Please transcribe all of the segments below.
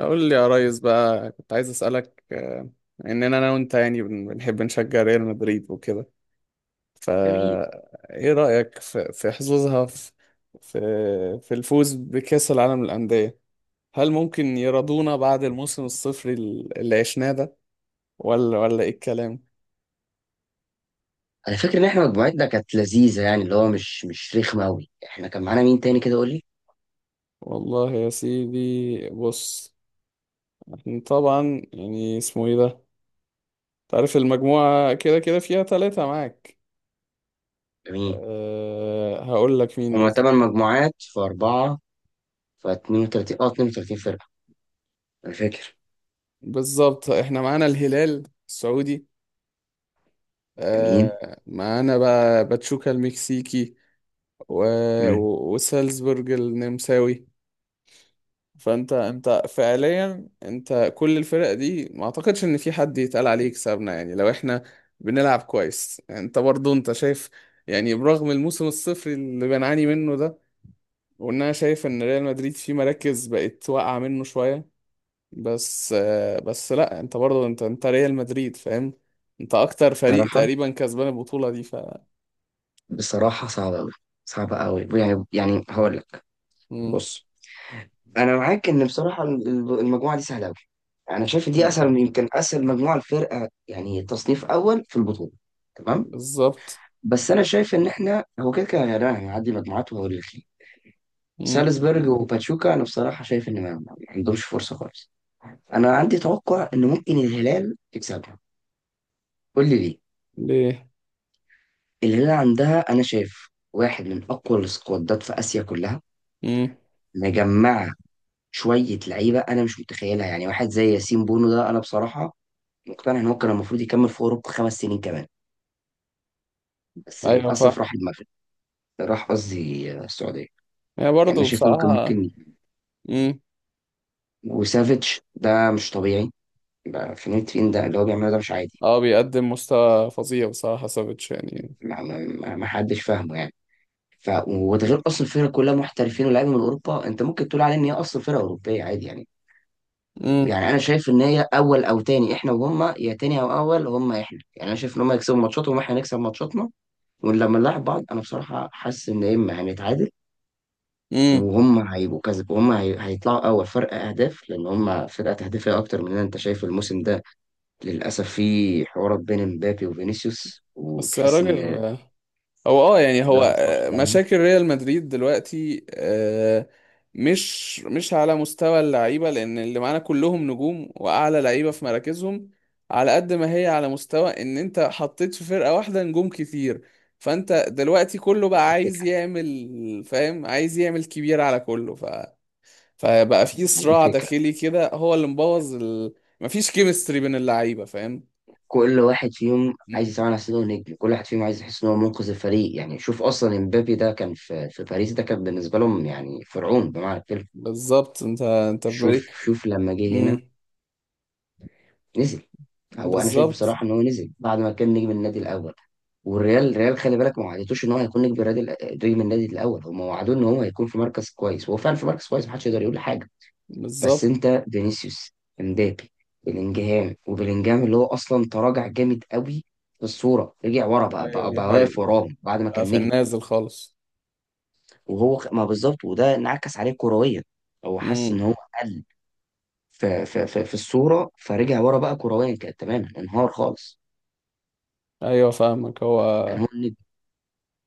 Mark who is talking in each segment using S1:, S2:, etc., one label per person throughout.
S1: اقول لي يا ريس، بقى كنت عايز اسالك. اننا انا وانت يعني بنحب نشجع ريال مدريد وكده.
S2: جميل.
S1: فا ايه رايك في حظوظها في في الفوز بكاس العالم للانديه؟ هل ممكن يرضونا بعد الموسم الصفري اللي عشناه ده؟ ولا ايه الكلام؟
S2: انا فاكر ان احنا مجموعتنا كانت لذيذه، يعني اللي هو مش رخمه قوي. احنا كان معانا مين تاني كده؟ قول لي.
S1: والله يا سيدي، بص. احنا طبعا يعني اسمه ايه ده؟ تعرف المجموعه كده كده فيها ثلاثة معاك.
S2: جميل.
S1: أه، هقول لك مين
S2: هما
S1: بس.
S2: 8 مجموعات في 4، ف 32 فرقه، انا فاكر.
S1: بالظبط، احنا معانا الهلال السعودي.
S2: جميل.
S1: معانا بقى باتشوكا المكسيكي و...
S2: مم.
S1: وسالزبورج النمساوي. فانت فعليا انت كل الفرق دي ما اعتقدش ان في حد يتقال عليه يكسبنا، يعني لو احنا بنلعب كويس انت برضو انت شايف، يعني برغم الموسم الصفر اللي بنعاني منه ده، وان انا شايف ان ريال مدريد فيه مراكز بقت واقعة منه شوية. بس، بس لا انت برضه انت ريال مدريد، فاهم؟ انت اكتر فريق
S2: بصراحه،
S1: تقريبا كسبان البطولة دي.
S2: صعبه قوي، صعبه قوي، يعني هقول لك.
S1: مم.
S2: بص، انا معاك ان بصراحه المجموعه دي سهله قوي. انا شايف دي
S1: مم.
S2: اسهل يمكن اسهل مجموعه الفرقه، يعني تصنيف اول في البطوله. تمام.
S1: بالظبط.
S2: بس انا شايف ان احنا هو كده كده يعني هنعدي مجموعات، وهقول لك ليه.
S1: مم.
S2: سالزبورج وباتشوكا انا بصراحه شايف ان ما عندهمش فرصه خالص. انا عندي توقع ان ممكن الهلال يكسبها. قول لي ليه.
S1: ليه؟
S2: الهلال عندها انا شايف واحد من اقوى السكوادات في اسيا كلها،
S1: مم.
S2: مجمعه شويه لعيبه انا مش متخيلها. يعني واحد زي ياسين بونو ده، انا بصراحه مقتنع ان هو كان المفروض يكمل في اوروبا 5 سنين كمان، بس
S1: ايوه.
S2: للاسف راح المغرب، راح قصدي السعوديه.
S1: يعني
S2: يعني انا
S1: برضه
S2: شايف ان هو كان
S1: بصراحة.
S2: ممكن.
S1: مم.
S2: وسافيتش ده مش طبيعي، بقى فلورنتين ده اللي هو بيعمله ده مش عادي.
S1: اه، بيقدم مستوى فظيع بصراحة سافيتش يعني.
S2: ما حدش فاهمه يعني. ف وده غير اصلا الفرقه كلها محترفين ولاعيبه من اوروبا، انت ممكن تقول عليها ان هي اصلا فرقه اوروبيه عادي يعني.
S1: مم.
S2: انا شايف ان هي اول او تاني، احنا وهم، يا تاني او اول، هم احنا. يعني انا شايف ان هم يكسبوا ماتشاتهم واحنا نكسب ماتشاتنا، ولما نلعب بعض انا بصراحه حاسس ان يا اما هنتعادل
S1: مم.
S2: وهم هيبقوا كذا، وهم هيطلعوا اول فرق اهداف لان هم فرقه تهديفيه اكتر مننا. انت شايف الموسم ده، للاسف في حوارات بين مبابي وفينيسيوس
S1: بس يا
S2: وتحس
S1: راجل،
S2: ان
S1: هو يعني
S2: ده
S1: هو،
S2: ما يصلحش. ده دي
S1: مشاكل ريال مدريد دلوقتي، مش على مستوى اللعيبه، لان اللي معانا كلهم نجوم واعلى لعيبه في مراكزهم. على قد ما هي على مستوى ان انت حطيت في فرقه واحده نجوم كتير، فانت دلوقتي كله بقى عايز
S2: فكره،
S1: يعمل، فاهم، عايز يعمل كبير على كله. فبقى في
S2: دي
S1: صراع
S2: فكره
S1: داخلي كده هو اللي مبوظ مفيش كيمستري بين اللعيبه، فاهم؟
S2: كل واحد فيهم عايز
S1: مم.
S2: يسمع نفسه نجم، كل واحد فيهم عايز يحس ان هو منقذ الفريق. يعني شوف اصلا امبابي ده كان في باريس، ده كان بالنسبه لهم يعني فرعون بمعنى الكلمه.
S1: بالظبط، انت في
S2: شوف،
S1: بالي.
S2: لما جه هنا
S1: مم.
S2: نزل. هو انا شايف
S1: بالظبط.
S2: بصراحه ان هو نزل بعد ما كان نجم النادي الاول، والريال خلي بالك ما وعدتوش ان هو هيكون نجم النادي. نجم النادي الاول هم وعدوه ان هو هيكون في مركز كويس، وهو فعلا في مركز كويس محدش يقدر يقول حاجه. بس
S1: بالظبط،
S2: انت فينيسيوس، امبابي، بلينجهام وبلينجهام اللي هو اصلا تراجع جامد قوي، في الصوره رجع ورا بقى
S1: ايوه، دي
S2: بقى واقف
S1: حقيقة.
S2: وراهم بعد ما
S1: بقى
S2: كان
S1: في
S2: نجم.
S1: النازل خالص.
S2: ما بالظبط، وده انعكس عليه كرويا. هو حس ان
S1: امم.
S2: هو قل في الصوره، فرجع ورا بقى كرويا، كان تماما انهار خالص
S1: ايوه فاهمك.
S2: بعد ما كان
S1: هو
S2: هو النجم.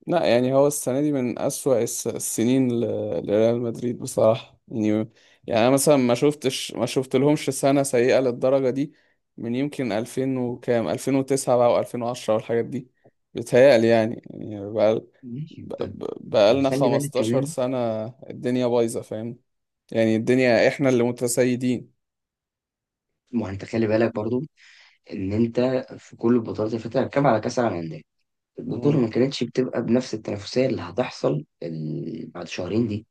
S1: لا، يعني هو السنه دي من اسوأ السنين، لريال مدريد بصراحه يعني. يعني انا مثلا ما شفت لهمش سنه سيئه للدرجه دي، من يمكن 2000 وكام، 2009 بقى و2010 والحاجات دي. بيتهيألي يعني، يعني بقى
S2: ماشي،
S1: بقى لنا
S2: وخلي بالك
S1: 15
S2: كمان،
S1: سنه الدنيا بايظه، فاهم؟ يعني الدنيا احنا اللي متسيدين.
S2: ما هو انت خلي بالك برضو ان انت في كل البطولات اللي فاتت، هتكلم على كاس العالم للانديه، البطولة
S1: امم.
S2: ما كانتش بتبقى بنفس التنافسية اللي هتحصل بعد شهرين دي.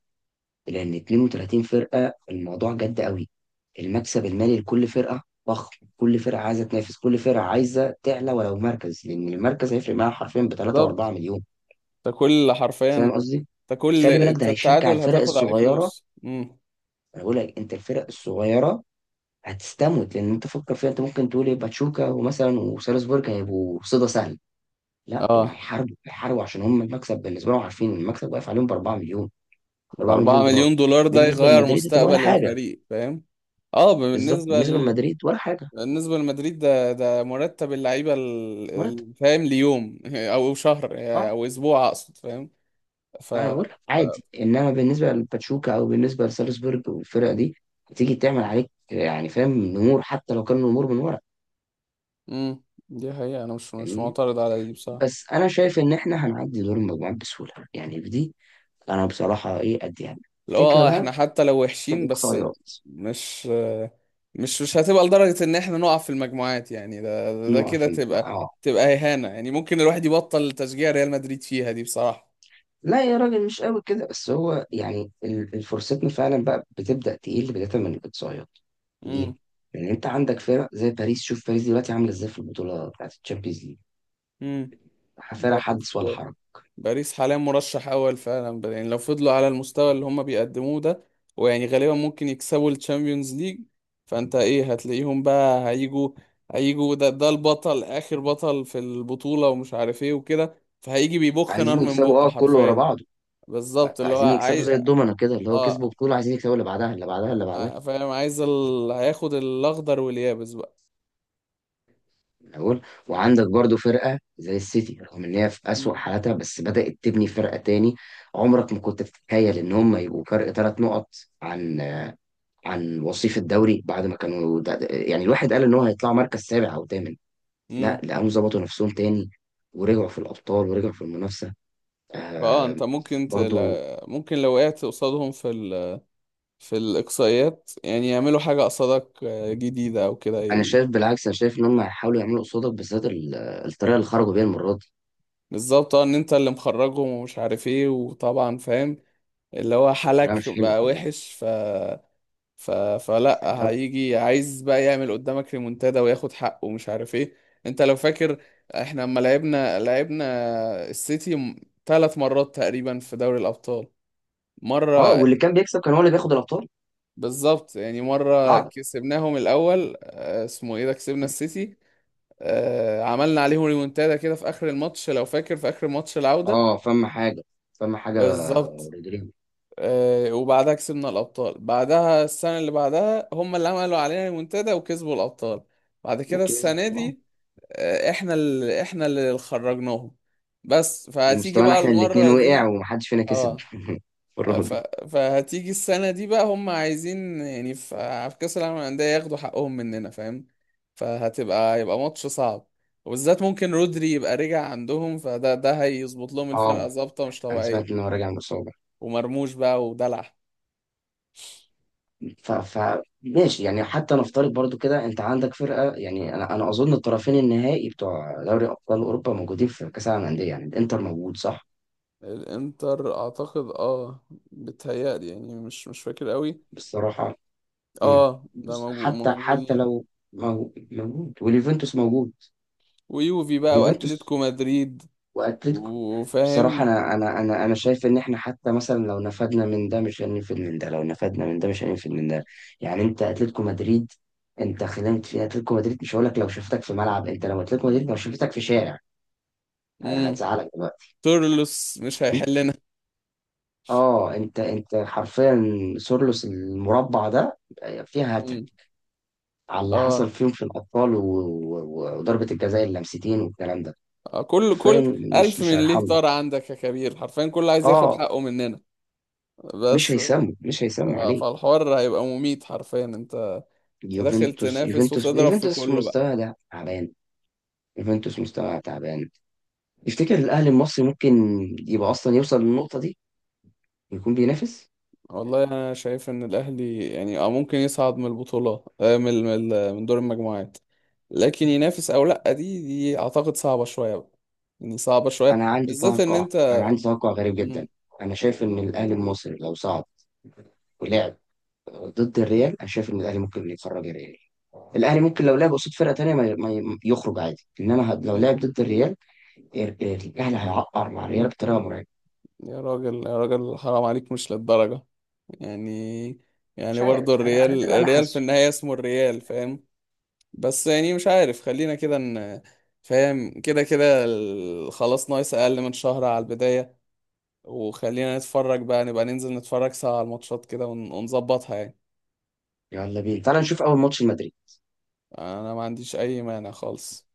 S2: لأن 32 فرقة الموضوع جد قوي. المكسب المالي لكل فرقة ضخم، كل فرقة عايزة تنافس، كل فرقة عايزة تعلى ولو مركز، لأن المركز هيفرق معاها حرفيا بتلاتة وأربعة
S1: بالظبط.
S2: مليون
S1: ده كل حرفيا.
S2: فاهم
S1: انت
S2: قصدي؟
S1: كل،
S2: خلي بالك
S1: انت
S2: ده هيشجع
S1: التعادل
S2: الفرق
S1: هتاخد عليه
S2: الصغيرة.
S1: فلوس. امم.
S2: أنا بقول لك أنت الفرق الصغيرة هتستموت، لأن أنت فكر فيها، أنت ممكن تقول إيه، باتشوكا ومثلا وسالزبورج هيبقوا صيدة سهلة. لا، دول
S1: اه،
S2: هيحاربوا هيحاربوا عشان هم المكسب بالنسبه لهم، عارفين إن المكسب واقف عليهم ب 4 مليون،
S1: 4
S2: 4 مليون دولار.
S1: مليون دولار ده
S2: بالنسبه
S1: يغير
S2: لمدريد هتبقى ولا
S1: مستقبل
S2: حاجه.
S1: الفريق، فاهم؟ اه،
S2: بالظبط،
S1: بالنسبة
S2: بالنسبه لمدريد ولا حاجه.
S1: بالنسبة لمدريد ده مرتب اللعيبة،
S2: مرتب.
S1: فاهم، ليوم او شهر
S2: اه
S1: او اسبوع اقصد، فاهم؟ ف
S2: انا بقول لك
S1: ف-
S2: عادي، انما بالنسبه لباتشوكا او بالنسبه لسالزبورج والفرقه دي، هتيجي تعمل عليك، يعني فاهم، نمور حتى لو كان نمور من ورا.
S1: امم، دي حقيقة. انا مش
S2: فاهمني؟
S1: معترض على دي بصراحة.
S2: بس انا شايف ان احنا هنعدي دور المجموعات بسهوله، يعني في دي انا بصراحه ايه اديها لك.
S1: اللي هو،
S2: الفكره
S1: اه،
S2: بقى
S1: احنا حتى لو
S2: في
S1: وحشين بس
S2: الاقصائيات.
S1: مش مش هتبقى لدرجة ان احنا نقع في المجموعات، يعني ده كده تبقى،
S2: اه،
S1: تبقى إهانة، يعني ممكن الواحد يبطل تشجيع ريال مدريد فيها دي بصراحة.
S2: لا يا راجل مش قوي كده. بس هو يعني الفرصتنا فعلا بقى بتبدأ تقل بداية من الإقصائيات. ليه؟
S1: امم
S2: لأن أنت عندك فرق زي باريس، شوف باريس دلوقتي عاملة إزاي في البطولة بتاعت الشامبيونز ليج، فرق
S1: امم.
S2: حدث ولا حرج.
S1: باريس حاليا مرشح اول فعلا، يعني لو فضلوا على المستوى اللي هم بيقدموه ده، ويعني غالبا ممكن يكسبوا الشامبيونز ليج. فانت ايه، هتلاقيهم بقى هيجوا، ده البطل، اخر بطل في البطولة ومش عارف ايه وكده، فهيجي بيبخ نار
S2: عايزين
S1: من
S2: يكسبوا
S1: بقه
S2: كله ورا
S1: حرفيا.
S2: بعضه،
S1: بالظبط، اللي هو
S2: عايزين يكسبوا
S1: عايز.
S2: زي الدومنة كده، اللي هو كسبوا
S1: اه.
S2: بطولة عايزين يكسبوا اللي بعدها اللي بعدها اللي بعدها
S1: فاهم، عايز هياخد الاخضر واليابس بقى.
S2: من أول. وعندك برضو فرقة زي السيتي رغم إن هي في أسوأ
S1: مم.
S2: حالاتها، بس بدأت تبني فرقة تاني. عمرك ما كنت تتخيل إن هم يبقوا فرق 3 نقط عن وصيف الدوري، بعد ما كانوا يعني الواحد قال ان هو هيطلعوا مركز سابع او ثامن، لا
S1: امم.
S2: لقوهم ظبطوا نفسهم تاني ورجعوا في الابطال ورجعوا في المنافسه.
S1: انت
S2: آه.
S1: ممكن
S2: برضو
S1: ممكن لو وقعت قصادهم في الإقصائيات، يعني يعملوا حاجة قصادك، جديدة أو كده.
S2: انا شايف بالعكس، انا شايف ان هم هيحاولوا يعملوا قصادك بالذات الطريقه اللي خرجوا بيها المره دي،
S1: بالظبط. اه، إن أنت اللي مخرجهم ومش عارف إيه، وطبعا فاهم، اللي هو
S2: كانت طريقه
S1: حالك
S2: مش حلوه
S1: بقى
S2: كمان.
S1: وحش. ف... فلا
S2: الدوري.
S1: هيجي عايز بقى يعمل قدامك ريمونتادا وياخد حقه ومش عارف إيه. أنت لو فاكر، إحنا لما لعبنا السيتي ثلاث مرات تقريبا في دوري الأبطال.
S2: اه،
S1: مرة،
S2: واللي كان بيكسب كان هو اللي بياخد الابطال.
S1: بالظبط، يعني مرة
S2: قاعده.
S1: كسبناهم الأول، اسمه إيه ده، كسبنا السيتي، عملنا عليهم ريمونتادا كده في اخر الماتش، لو فاكر، في اخر ماتش العودة.
S2: اه فما حاجه، فما حاجه
S1: بالظبط.
S2: رودريجو.
S1: وبعدها كسبنا الابطال، بعدها السنة اللي بعدها هم اللي عملوا علينا ريمونتادا وكسبوا الابطال. بعد كده،
S2: وكسب
S1: السنة
S2: آه.
S1: دي، احنا اللي خرجناهم. بس فهتيجي
S2: ومستوانا
S1: بقى
S2: احنا الاثنين
S1: المرة
S2: وقع،
S1: دي.
S2: ومحدش فينا كسب
S1: اه.
S2: المره
S1: ف...
S2: دي
S1: فهتيجي السنة دي بقى هم عايزين، يعني في كأس العالم للأندية ياخدوا حقهم مننا، فاهم؟ فهتبقى، يبقى ماتش صعب، وبالذات ممكن رودري يبقى رجع عندهم فده هيظبط لهم الفرقة
S2: اه
S1: ظابطة مش
S2: انا سمعت
S1: طبيعية،
S2: ان هو راجع من الاصابه.
S1: ومرموش بقى ودلع.
S2: ف... ف ماشي يعني، حتى نفترض برضو كده انت عندك فرقه. يعني انا اظن الطرفين النهائي بتوع دوري ابطال اوروبا موجودين في كاس العالم للانديه، يعني الانتر موجود صح؟
S1: الانتر اعتقد، اه، بتهيألي يعني مش فاكر قوي.
S2: بصراحه. مم.
S1: اه، ده
S2: بص، حتى
S1: موجودين.
S2: لو موجود، واليوفنتوس موجود.
S1: ويوفي بقى
S2: اليوفنتوس
S1: واتلتيكو مدريد،
S2: واتلتيكو. بصراحة،
S1: وفاهم.
S2: أنا شايف إن إحنا حتى مثلا لو نفدنا من ده مش هننفد من ده، لو نفدنا من ده مش هننفد من ده. يعني أنت أتلتيكو مدريد، أنت خدمت في أتلتيكو مدريد. مش هقول لك لو شفتك في ملعب، أنت لو أتلتيكو مدريد لو شفتك في شارع
S1: امم.
S2: هتزعلك دلوقتي.
S1: تورلوس مش
S2: فاهم؟
S1: هيحلنا.
S2: أه أنت أنت حرفيا سورلوس المربع ده فيها هاتريك
S1: امم.
S2: على اللي
S1: اه.
S2: حصل فيهم في الأبطال وضربة الجزاء اللمستين والكلام ده.
S1: كل
S2: حرفيا مش
S1: ألف
S2: مش
S1: من ليه
S2: هيرحمه.
S1: طار عندك يا كبير، حرفيا كل عايز ياخد
S2: أه
S1: حقه مننا. بس.
S2: مش
S1: ف-
S2: هيسموا عليه.
S1: فالحوار هيبقى مميت حرفيا. انت تدخل تنافس وتضرب في
S2: يوفنتوس
S1: كله بقى.
S2: مستوى ده تعبان. يوفنتوس مستوى تعبان. تفتكر الاهلي المصري ممكن يبقى اصلا يوصل للنقطه دي ويكون بينافس؟
S1: والله أنا شايف إن الأهلي يعني، ممكن يصعد من البطولة، من دور المجموعات، لكن ينافس أو لأ، دي أعتقد صعبة شوية بقى، يعني صعبة شوية
S2: انا عندي
S1: بالذات إن
S2: توقع انا
S1: أنت.
S2: عندي توقع غريب
S1: مم.
S2: جدا. انا شايف ان الاهلي المصري لو صعد ولعب ضد الريال، انا شايف ان الاهلي ممكن يخرج الريال. الاهلي ممكن لو لعب قصاد فرقه تانيه ما يخرج عادي، انما لو
S1: مم.
S2: لعب ضد الريال الاهلي هيعقر مع الريال بطريقه مرعبه.
S1: يا راجل يا راجل، حرام عليك، مش للدرجة يعني. يعني
S2: مش
S1: برضه
S2: عارف، انا ده
S1: الريال
S2: اللي انا
S1: الريال في
S2: حاسه.
S1: النهاية اسمه الريال، فاهم؟ بس يعني مش عارف، خلينا كده ان، فاهم، كده كده خلاص، ناقص اقل من شهر على البداية، وخلينا نتفرج بقى، نبقى ننزل نتفرج سوا على الماتشات كده، ونظبطها يعني.
S2: يلا بينا تعال نشوف اول ماتش المدريد.
S1: انا ما عنديش اي مانع خالص.